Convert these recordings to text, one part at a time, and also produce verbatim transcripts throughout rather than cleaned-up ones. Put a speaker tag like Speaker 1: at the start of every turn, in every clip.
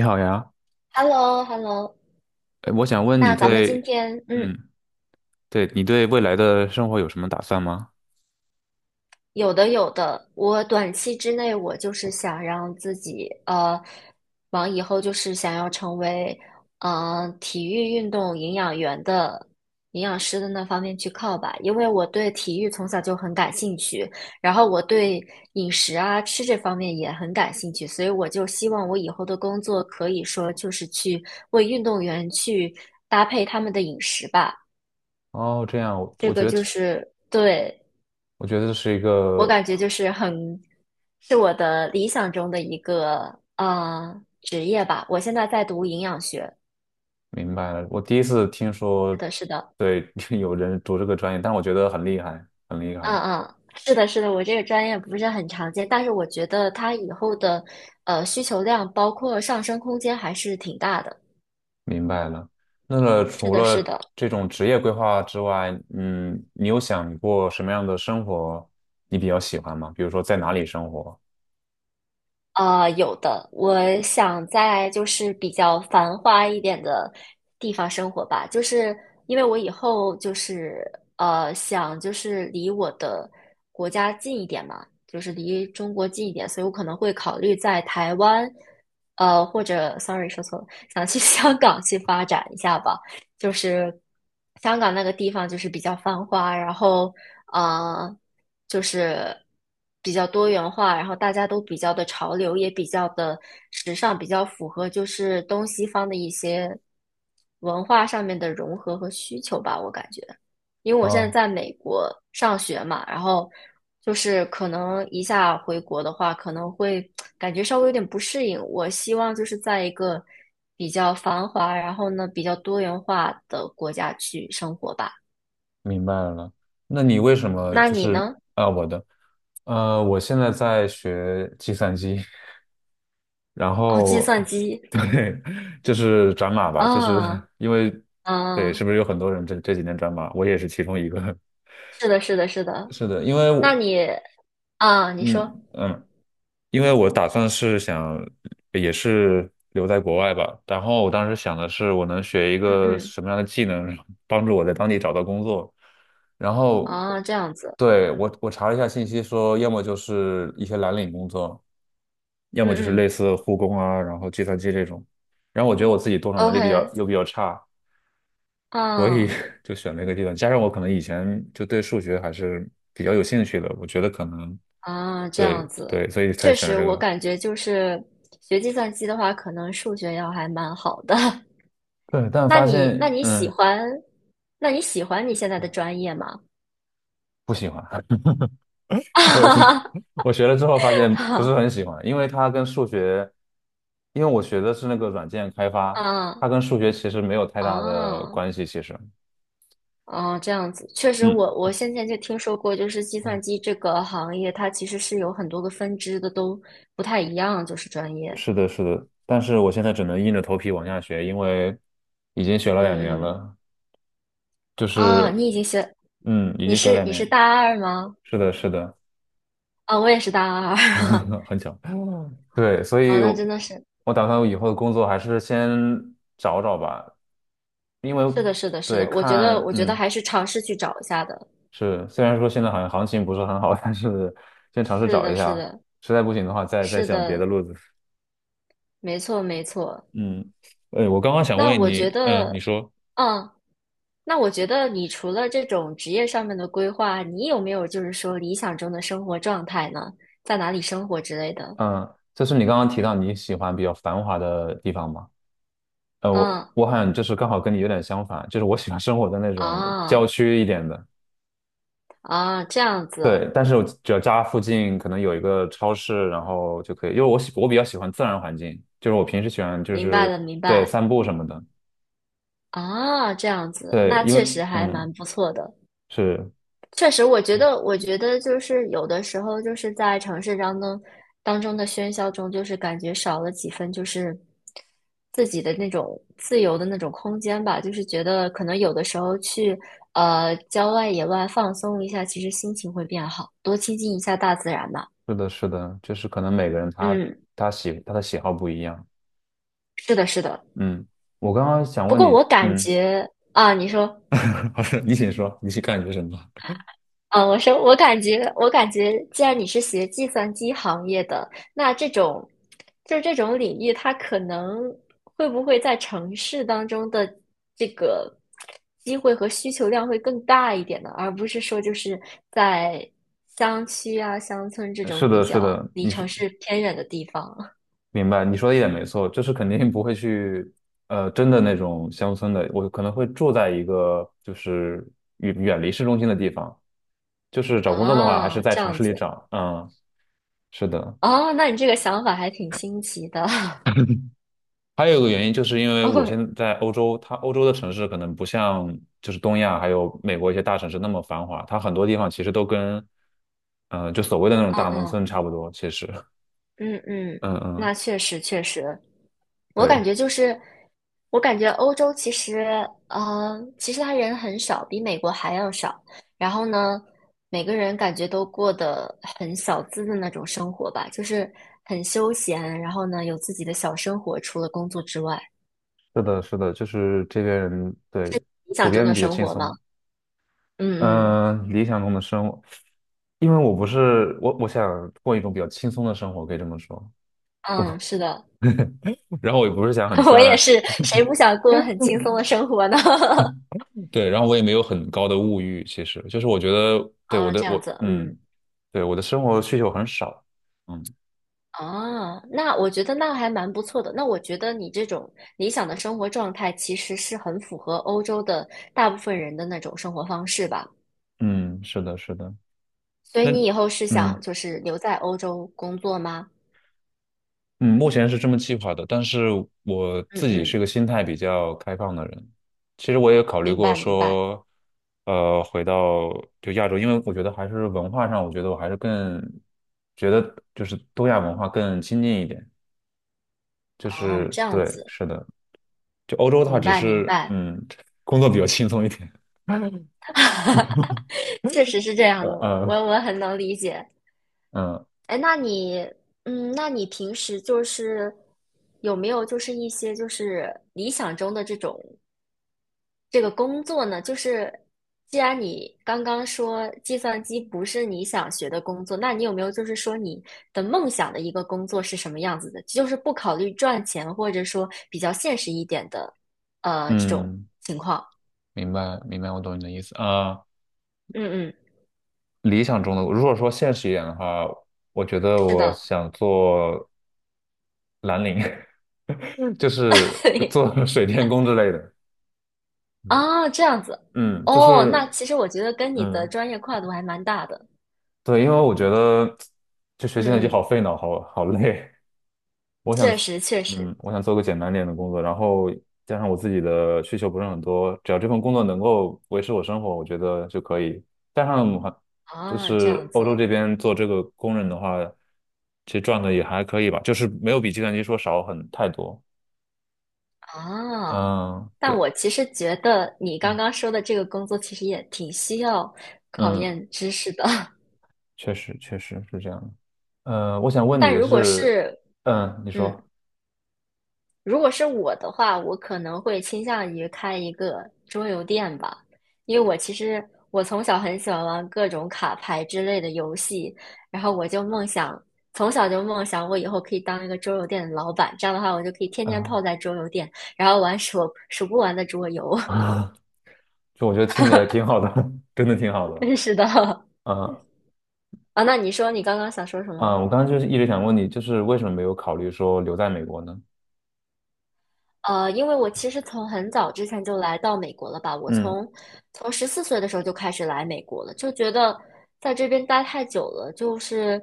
Speaker 1: 你好呀，
Speaker 2: h e l l o h e l l o。
Speaker 1: 哎，我想问你
Speaker 2: 那咱们今
Speaker 1: 对，
Speaker 2: 天，嗯，
Speaker 1: 嗯，对你对未来的生活有什么打算吗？
Speaker 2: 有的有的，我短期之内我就是想让自己，呃，往以后就是想要成为，嗯、呃体育运动营养员的营养师的那方面去靠吧，因为我对体育从小就很感兴趣，然后我对饮食啊吃这方面也很感兴趣，所以我就希望我以后的工作可以说就是去为运动员去搭配他们的饮食吧。
Speaker 1: 哦，这样，我
Speaker 2: 这
Speaker 1: 我觉
Speaker 2: 个
Speaker 1: 得这
Speaker 2: 就是对
Speaker 1: 我觉得这是一
Speaker 2: 我
Speaker 1: 个，
Speaker 2: 感觉就是很是我的理想中的一个呃职业吧。我现在在读营养学，
Speaker 1: 明白了，我第一次听
Speaker 2: 是
Speaker 1: 说，
Speaker 2: 的，是的，
Speaker 1: 对，有人读这个专业，但我觉得很厉害，很厉害，
Speaker 2: 嗯嗯，是的，是的。我这个专业不是很常见，但是我觉得它以后的呃需求量包括上升空间还是挺大的。
Speaker 1: 明白了。那么
Speaker 2: 是
Speaker 1: 除
Speaker 2: 的，是
Speaker 1: 了
Speaker 2: 的。
Speaker 1: 这种职业规划之外，嗯，你有想过什么样的生活你比较喜欢吗？比如说在哪里生活？
Speaker 2: 呃，有的，我想在就是比较繁华一点的地方生活吧，就是因为我以后就是呃想就是离我的国家近一点嘛，就是离中国近一点，所以我可能会考虑在台湾，呃或者 sorry 说错了，想去 香港去发展一下吧，就是香港那个地方就是比较繁华，然后。呃。就是比较多元化，然后大家都比较的潮流，也比较的时尚，比较符合就是东西方的一些文化上面的融合和需求吧，我感觉。因为我现在
Speaker 1: 啊、
Speaker 2: 在美国上学嘛，然后就是可能一下回国的话，可能会感觉稍微有点不适应。我希望就是在一个比较繁华，然后呢比较多元化的国家去生活吧。
Speaker 1: 明白了。那你为什么
Speaker 2: 那
Speaker 1: 就
Speaker 2: 你
Speaker 1: 是
Speaker 2: 呢？
Speaker 1: 啊、我的，呃，我现在在学计算机，然
Speaker 2: 哦，计
Speaker 1: 后
Speaker 2: 算机
Speaker 1: 就是转码吧，就是
Speaker 2: 啊，
Speaker 1: 因为对，
Speaker 2: 嗯，
Speaker 1: 是不是有很多人这这几年转码？我也是其中一个。
Speaker 2: 是的，是的，是 的。
Speaker 1: 是的，因为
Speaker 2: 那
Speaker 1: 我
Speaker 2: 你啊，你说，
Speaker 1: 嗯嗯，因为我打算是想也是留在国外吧，然后我当时想的是我能学一
Speaker 2: 嗯
Speaker 1: 个
Speaker 2: 嗯，
Speaker 1: 什么样的技能，帮助我在当地找到工作。然后
Speaker 2: 啊，这样子，
Speaker 1: 对，我我查了一下信息说，要么就是一些蓝领工作，要
Speaker 2: 嗯
Speaker 1: 么就是
Speaker 2: 嗯
Speaker 1: 类似护工啊，然后计算机这种。然后我觉得我自己动手能力比较
Speaker 2: ，OK，
Speaker 1: 又比较差，所以
Speaker 2: 嗯
Speaker 1: 就选了一个计算机，加上我可能以前就对数学还是比较有兴趣的，我觉得可能
Speaker 2: 啊，这样
Speaker 1: 对
Speaker 2: 子，
Speaker 1: 对，所以才
Speaker 2: 确
Speaker 1: 选了
Speaker 2: 实，
Speaker 1: 这
Speaker 2: 我
Speaker 1: 个。
Speaker 2: 感觉就是学计算机的话，可能数学要还蛮好的。
Speaker 1: 对，但
Speaker 2: 那
Speaker 1: 发
Speaker 2: 你那
Speaker 1: 现
Speaker 2: 你喜
Speaker 1: 嗯
Speaker 2: 欢，那你喜欢你现在的专业吗？
Speaker 1: 不喜欢，我学 我学了之后发现不
Speaker 2: 啊
Speaker 1: 是很喜欢，因为它跟数学，因为我学的是那个软件开发，
Speaker 2: 啊
Speaker 1: 它跟数学其实没有太大的
Speaker 2: 啊！
Speaker 1: 关系，其实。
Speaker 2: 哦，这样子，确实
Speaker 1: 嗯
Speaker 2: 我，我先前就听说过，就是计算
Speaker 1: 嗯，
Speaker 2: 机这个行业，它其实是有很多个分支的，都不太一样，就是专业。
Speaker 1: 是的，是的，但是我现在只能硬着头皮往下学，因为已经学了两年
Speaker 2: 嗯嗯，
Speaker 1: 了，就
Speaker 2: 啊，
Speaker 1: 是
Speaker 2: 你已经学，
Speaker 1: 嗯，已
Speaker 2: 你
Speaker 1: 经学
Speaker 2: 是
Speaker 1: 了两
Speaker 2: 你是
Speaker 1: 年，
Speaker 2: 大二吗？
Speaker 1: 是的，是的，
Speaker 2: 啊，我也是大二。
Speaker 1: 很巧。对，所
Speaker 2: 啊，
Speaker 1: 以
Speaker 2: 那真
Speaker 1: 我，
Speaker 2: 的是，
Speaker 1: 我打算我以后的工作还是先找找吧，因为
Speaker 2: 是的，是的，是
Speaker 1: 对
Speaker 2: 的，我觉得，
Speaker 1: 看，
Speaker 2: 我觉得
Speaker 1: 嗯，
Speaker 2: 还是尝试去找一下的。
Speaker 1: 是，虽然说现在好像行情不是很好，但是先尝试
Speaker 2: 是
Speaker 1: 找
Speaker 2: 的，
Speaker 1: 一
Speaker 2: 是
Speaker 1: 下，
Speaker 2: 的，
Speaker 1: 实在不行的话再再
Speaker 2: 是
Speaker 1: 想别的
Speaker 2: 的，
Speaker 1: 路子。
Speaker 2: 没错，没错。
Speaker 1: 嗯，哎，我刚刚想
Speaker 2: 那
Speaker 1: 问
Speaker 2: 我觉
Speaker 1: 你，嗯，
Speaker 2: 得，
Speaker 1: 你说，
Speaker 2: 嗯，那我觉得你除了这种职业上面的规划，你有没有就是说理想中的生活状态呢？在哪里生活之类的？
Speaker 1: 嗯，就是你刚刚提到你喜欢比较繁华的地方吗？呃，我
Speaker 2: 嗯，
Speaker 1: 我好像就是刚好跟你有点相反，就是我喜欢生活在那种郊
Speaker 2: 啊
Speaker 1: 区一点的。
Speaker 2: 啊，这样子，
Speaker 1: 对，但是我只要家附近可能有一个超市，然后就可以，因为我喜我比较喜欢自然环境，就是我平时喜欢就
Speaker 2: 明白
Speaker 1: 是
Speaker 2: 了，明
Speaker 1: 对
Speaker 2: 白
Speaker 1: 散步什么的。
Speaker 2: 啊，这样子，
Speaker 1: 对，
Speaker 2: 那
Speaker 1: 因为
Speaker 2: 确实还蛮
Speaker 1: 嗯，
Speaker 2: 不错的。
Speaker 1: 是
Speaker 2: 确实，我觉得，我觉得就是有的时候，就是在城市当中当中的喧嚣中，就是感觉少了几分，就是自己的那种自由的那种空间吧。就是觉得可能有的时候去呃郊外野外放松一下，其实心情会变好，多亲近一下大自然吧。
Speaker 1: 是的，是的，就是可能每个人他
Speaker 2: 嗯，
Speaker 1: 他喜他的喜好不一样。
Speaker 2: 是的，是的。
Speaker 1: 嗯，我刚刚想
Speaker 2: 不
Speaker 1: 问
Speaker 2: 过我
Speaker 1: 你，
Speaker 2: 感
Speaker 1: 嗯，
Speaker 2: 觉啊，你说。
Speaker 1: 老师，你请说，你是感觉什么？
Speaker 2: 嗯，我说，我感觉，我感觉，既然你是学计算机行业的，那这种，就是这种领域，它可能会不会在城市当中的这个机会和需求量会更大一点呢？而不是说就是在乡区啊、乡村这 种
Speaker 1: 是
Speaker 2: 比
Speaker 1: 的，是
Speaker 2: 较
Speaker 1: 的，
Speaker 2: 离
Speaker 1: 你是
Speaker 2: 城市偏远的地方
Speaker 1: 明白，你说的一点没错，就是肯定不会去，呃，真的那种乡村的，我可能会住在一个就是远远离市中心的地方，就是 找工作的话，还是
Speaker 2: 啊，
Speaker 1: 在
Speaker 2: 这
Speaker 1: 城
Speaker 2: 样
Speaker 1: 市
Speaker 2: 子
Speaker 1: 里找。嗯，是的，
Speaker 2: 哦，那你这个想法还挺新奇的，
Speaker 1: 还有一个原因，就是因 为我
Speaker 2: 哦，
Speaker 1: 现在在欧洲，它欧洲的城市可能不像就是东亚还有美国一些大城市那么繁华，它很多地方其实都跟，嗯、就所谓的那种
Speaker 2: 嗯
Speaker 1: 大农
Speaker 2: 嗯
Speaker 1: 村差不多。其实，
Speaker 2: 嗯嗯，
Speaker 1: 嗯嗯，
Speaker 2: 那确实确实，我感
Speaker 1: 对，
Speaker 2: 觉就是，我感觉欧洲其实，呃，其实他人很少，比美国还要少。然后呢，每个人感觉都过得很小资的那种生活吧，就是很休闲，然后呢，有自己的小生活，除了工作之外，
Speaker 1: 是的，是的，就是这边人对
Speaker 2: 理
Speaker 1: 普
Speaker 2: 想中
Speaker 1: 遍
Speaker 2: 的
Speaker 1: 比较
Speaker 2: 生
Speaker 1: 轻
Speaker 2: 活嘛。
Speaker 1: 松。
Speaker 2: 嗯嗯
Speaker 1: 嗯、理想中的生活，因为我不是我，我想过一种比较轻松的生活，可以这么说。
Speaker 2: 嗯，是的，
Speaker 1: 然后我也不是想很
Speaker 2: 我也
Speaker 1: 赚，
Speaker 2: 是，谁不想过很轻松的生活呢？
Speaker 1: 对，然后我也没有很高的物欲，其实就是我觉得对我
Speaker 2: 啊，
Speaker 1: 的
Speaker 2: 这样
Speaker 1: 我
Speaker 2: 子，嗯。
Speaker 1: 嗯，对我的生活需求很少，嗯
Speaker 2: 啊，那我觉得那还蛮不错的。那我觉得你这种理想的生活状态，其实是很符合欧洲的大部分人的那种生活方式吧。
Speaker 1: 嗯，是的，是的，
Speaker 2: 所以
Speaker 1: 那
Speaker 2: 你以后是想
Speaker 1: 嗯
Speaker 2: 就是留在欧洲工作吗？
Speaker 1: 嗯，目前是这么计划的，但是我
Speaker 2: 嗯
Speaker 1: 自己
Speaker 2: 嗯，
Speaker 1: 是个心态比较开放的人，其实我也考虑
Speaker 2: 明
Speaker 1: 过
Speaker 2: 白明白。
Speaker 1: 说，呃，回到就亚洲，因为我觉得还是文化上，我觉得我还是更觉得就是东亚文化更亲近一点，就
Speaker 2: 哦，
Speaker 1: 是
Speaker 2: 这样
Speaker 1: 对，
Speaker 2: 子，
Speaker 1: 是的，就欧洲它
Speaker 2: 明
Speaker 1: 只
Speaker 2: 白明
Speaker 1: 是
Speaker 2: 白。
Speaker 1: 嗯工作比较轻松一点。
Speaker 2: 确实是这样的，
Speaker 1: 嗯
Speaker 2: 我
Speaker 1: 嗯
Speaker 2: 我很能理解。
Speaker 1: 嗯，
Speaker 2: 哎，那你，嗯，那你平时就是有没有就是一些就是理想中的这种这个工作呢，就是既然你刚刚说计算机不是你想学的工作，那你有没有就是说你的梦想的一个工作是什么样子的？就是不考虑赚钱，或者说比较现实一点的，呃，这种
Speaker 1: 嗯，
Speaker 2: 情况。
Speaker 1: 明白明白，我懂你的意思啊。
Speaker 2: 嗯嗯，
Speaker 1: 理想中的，如果说现实一点的话，我觉得
Speaker 2: 是
Speaker 1: 我
Speaker 2: 的，
Speaker 1: 想做蓝领，就 是
Speaker 2: 对
Speaker 1: 做 水电工之类的。
Speaker 2: 啊，这样子
Speaker 1: 嗯，就
Speaker 2: 哦。那
Speaker 1: 是
Speaker 2: 其实我觉得跟你的
Speaker 1: 嗯，
Speaker 2: 专业跨度还蛮大的。
Speaker 1: 对，因为我觉得就学计算机
Speaker 2: 嗯
Speaker 1: 好
Speaker 2: 嗯，
Speaker 1: 费脑，好好累。我想，
Speaker 2: 确实确实
Speaker 1: 嗯，我想做个简单点的工作，然后加上我自己的需求不是很多，只要这份工作能够维持我生活，我觉得就可以。加上还就
Speaker 2: 啊，这样
Speaker 1: 是欧洲
Speaker 2: 子
Speaker 1: 这边做这个工人的话，其实赚的也还可以吧，就是没有比计算机说少很太多。
Speaker 2: 啊。
Speaker 1: 嗯，
Speaker 2: 但
Speaker 1: 对，
Speaker 2: 我其实觉得你刚
Speaker 1: 嗯，
Speaker 2: 刚说的这个工作其实也挺需要考
Speaker 1: 嗯，
Speaker 2: 验知识的。
Speaker 1: 确实确实是这样的。呃，我想问你
Speaker 2: 但
Speaker 1: 的
Speaker 2: 如果
Speaker 1: 是，
Speaker 2: 是，
Speaker 1: 嗯，你
Speaker 2: 嗯，
Speaker 1: 说，
Speaker 2: 如果是我的话，我可能会倾向于开一个桌游店吧，因为我其实我从小很喜欢玩各种卡牌之类的游戏，然后我就梦想，从小就梦想我以后可以当一个桌游店的老板，这样的话我就可以天天泡
Speaker 1: 嗯，
Speaker 2: 在桌游店，然后玩数数不完的桌游。
Speaker 1: 就我觉得听起来挺好的，真的挺好 的。
Speaker 2: 真是的
Speaker 1: 嗯。
Speaker 2: 啊，那你说你刚刚想说什
Speaker 1: 啊，
Speaker 2: 么？
Speaker 1: 我刚刚就是一直想问你，就是为什么没有考虑说留在美国呢？
Speaker 2: 呃，因为我其实从很早之前就来到美国了吧，我
Speaker 1: 嗯，
Speaker 2: 从从十四岁的时候就开始来美国了，就觉得在这边待太久了，就是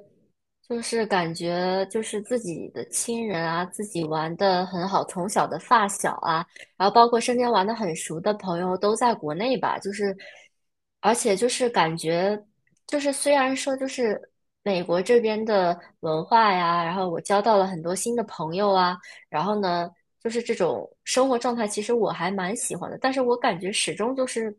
Speaker 2: 就是感觉就是自己的亲人啊，自己玩的很好，从小的发小啊，然后包括身边玩的很熟的朋友都在国内吧，就是而且就是感觉就是虽然说就是美国这边的文化呀，然后我交到了很多新的朋友啊。然后呢，就是这种生活状态，其实我还蛮喜欢的。但是我感觉始终就是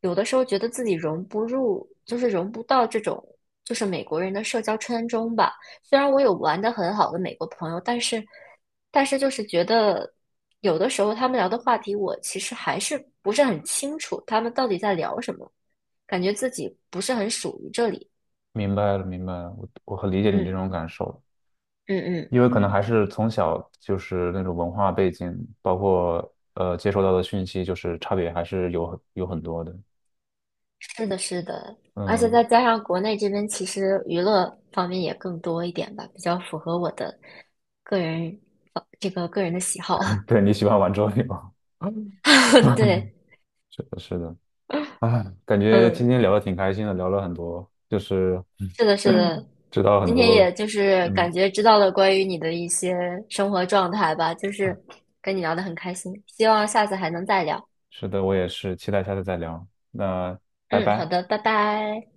Speaker 2: 有的时候觉得自己融不入，就是融不到这种就是美国人的社交圈中吧。虽然我有玩的很好的美国朋友，但是但是就是觉得有的时候他们聊的话题，我其实还是不是很清楚他们到底在聊什么，感觉自己不是很属于这里。
Speaker 1: 明白了，明白了，我我很理解你这
Speaker 2: 嗯
Speaker 1: 种感受，
Speaker 2: 嗯嗯。
Speaker 1: 因为可能还是从小就是那种文化背景，包括呃接收到的讯息，就是差别还是有很有很多的。
Speaker 2: 是的，是的，而且
Speaker 1: 嗯，
Speaker 2: 再加上国内这边其实娱乐方面也更多一点吧，比较符合我的个人呃这个个人的喜好。
Speaker 1: 对，你喜欢玩桌游，
Speaker 2: 对，
Speaker 1: 是的，是的，啊，感觉
Speaker 2: 嗯，
Speaker 1: 今天聊的挺开心的，聊了很多，就是
Speaker 2: 是的，是的。
Speaker 1: 知道很
Speaker 2: 今天
Speaker 1: 多，
Speaker 2: 也就是感
Speaker 1: 嗯。
Speaker 2: 觉知道了关于你的一些生活状态吧，就是跟你聊的很开心，希望下次还能再聊。
Speaker 1: 是的，我也是，期待下次再聊。那拜
Speaker 2: 嗯，好
Speaker 1: 拜。
Speaker 2: 的，拜拜。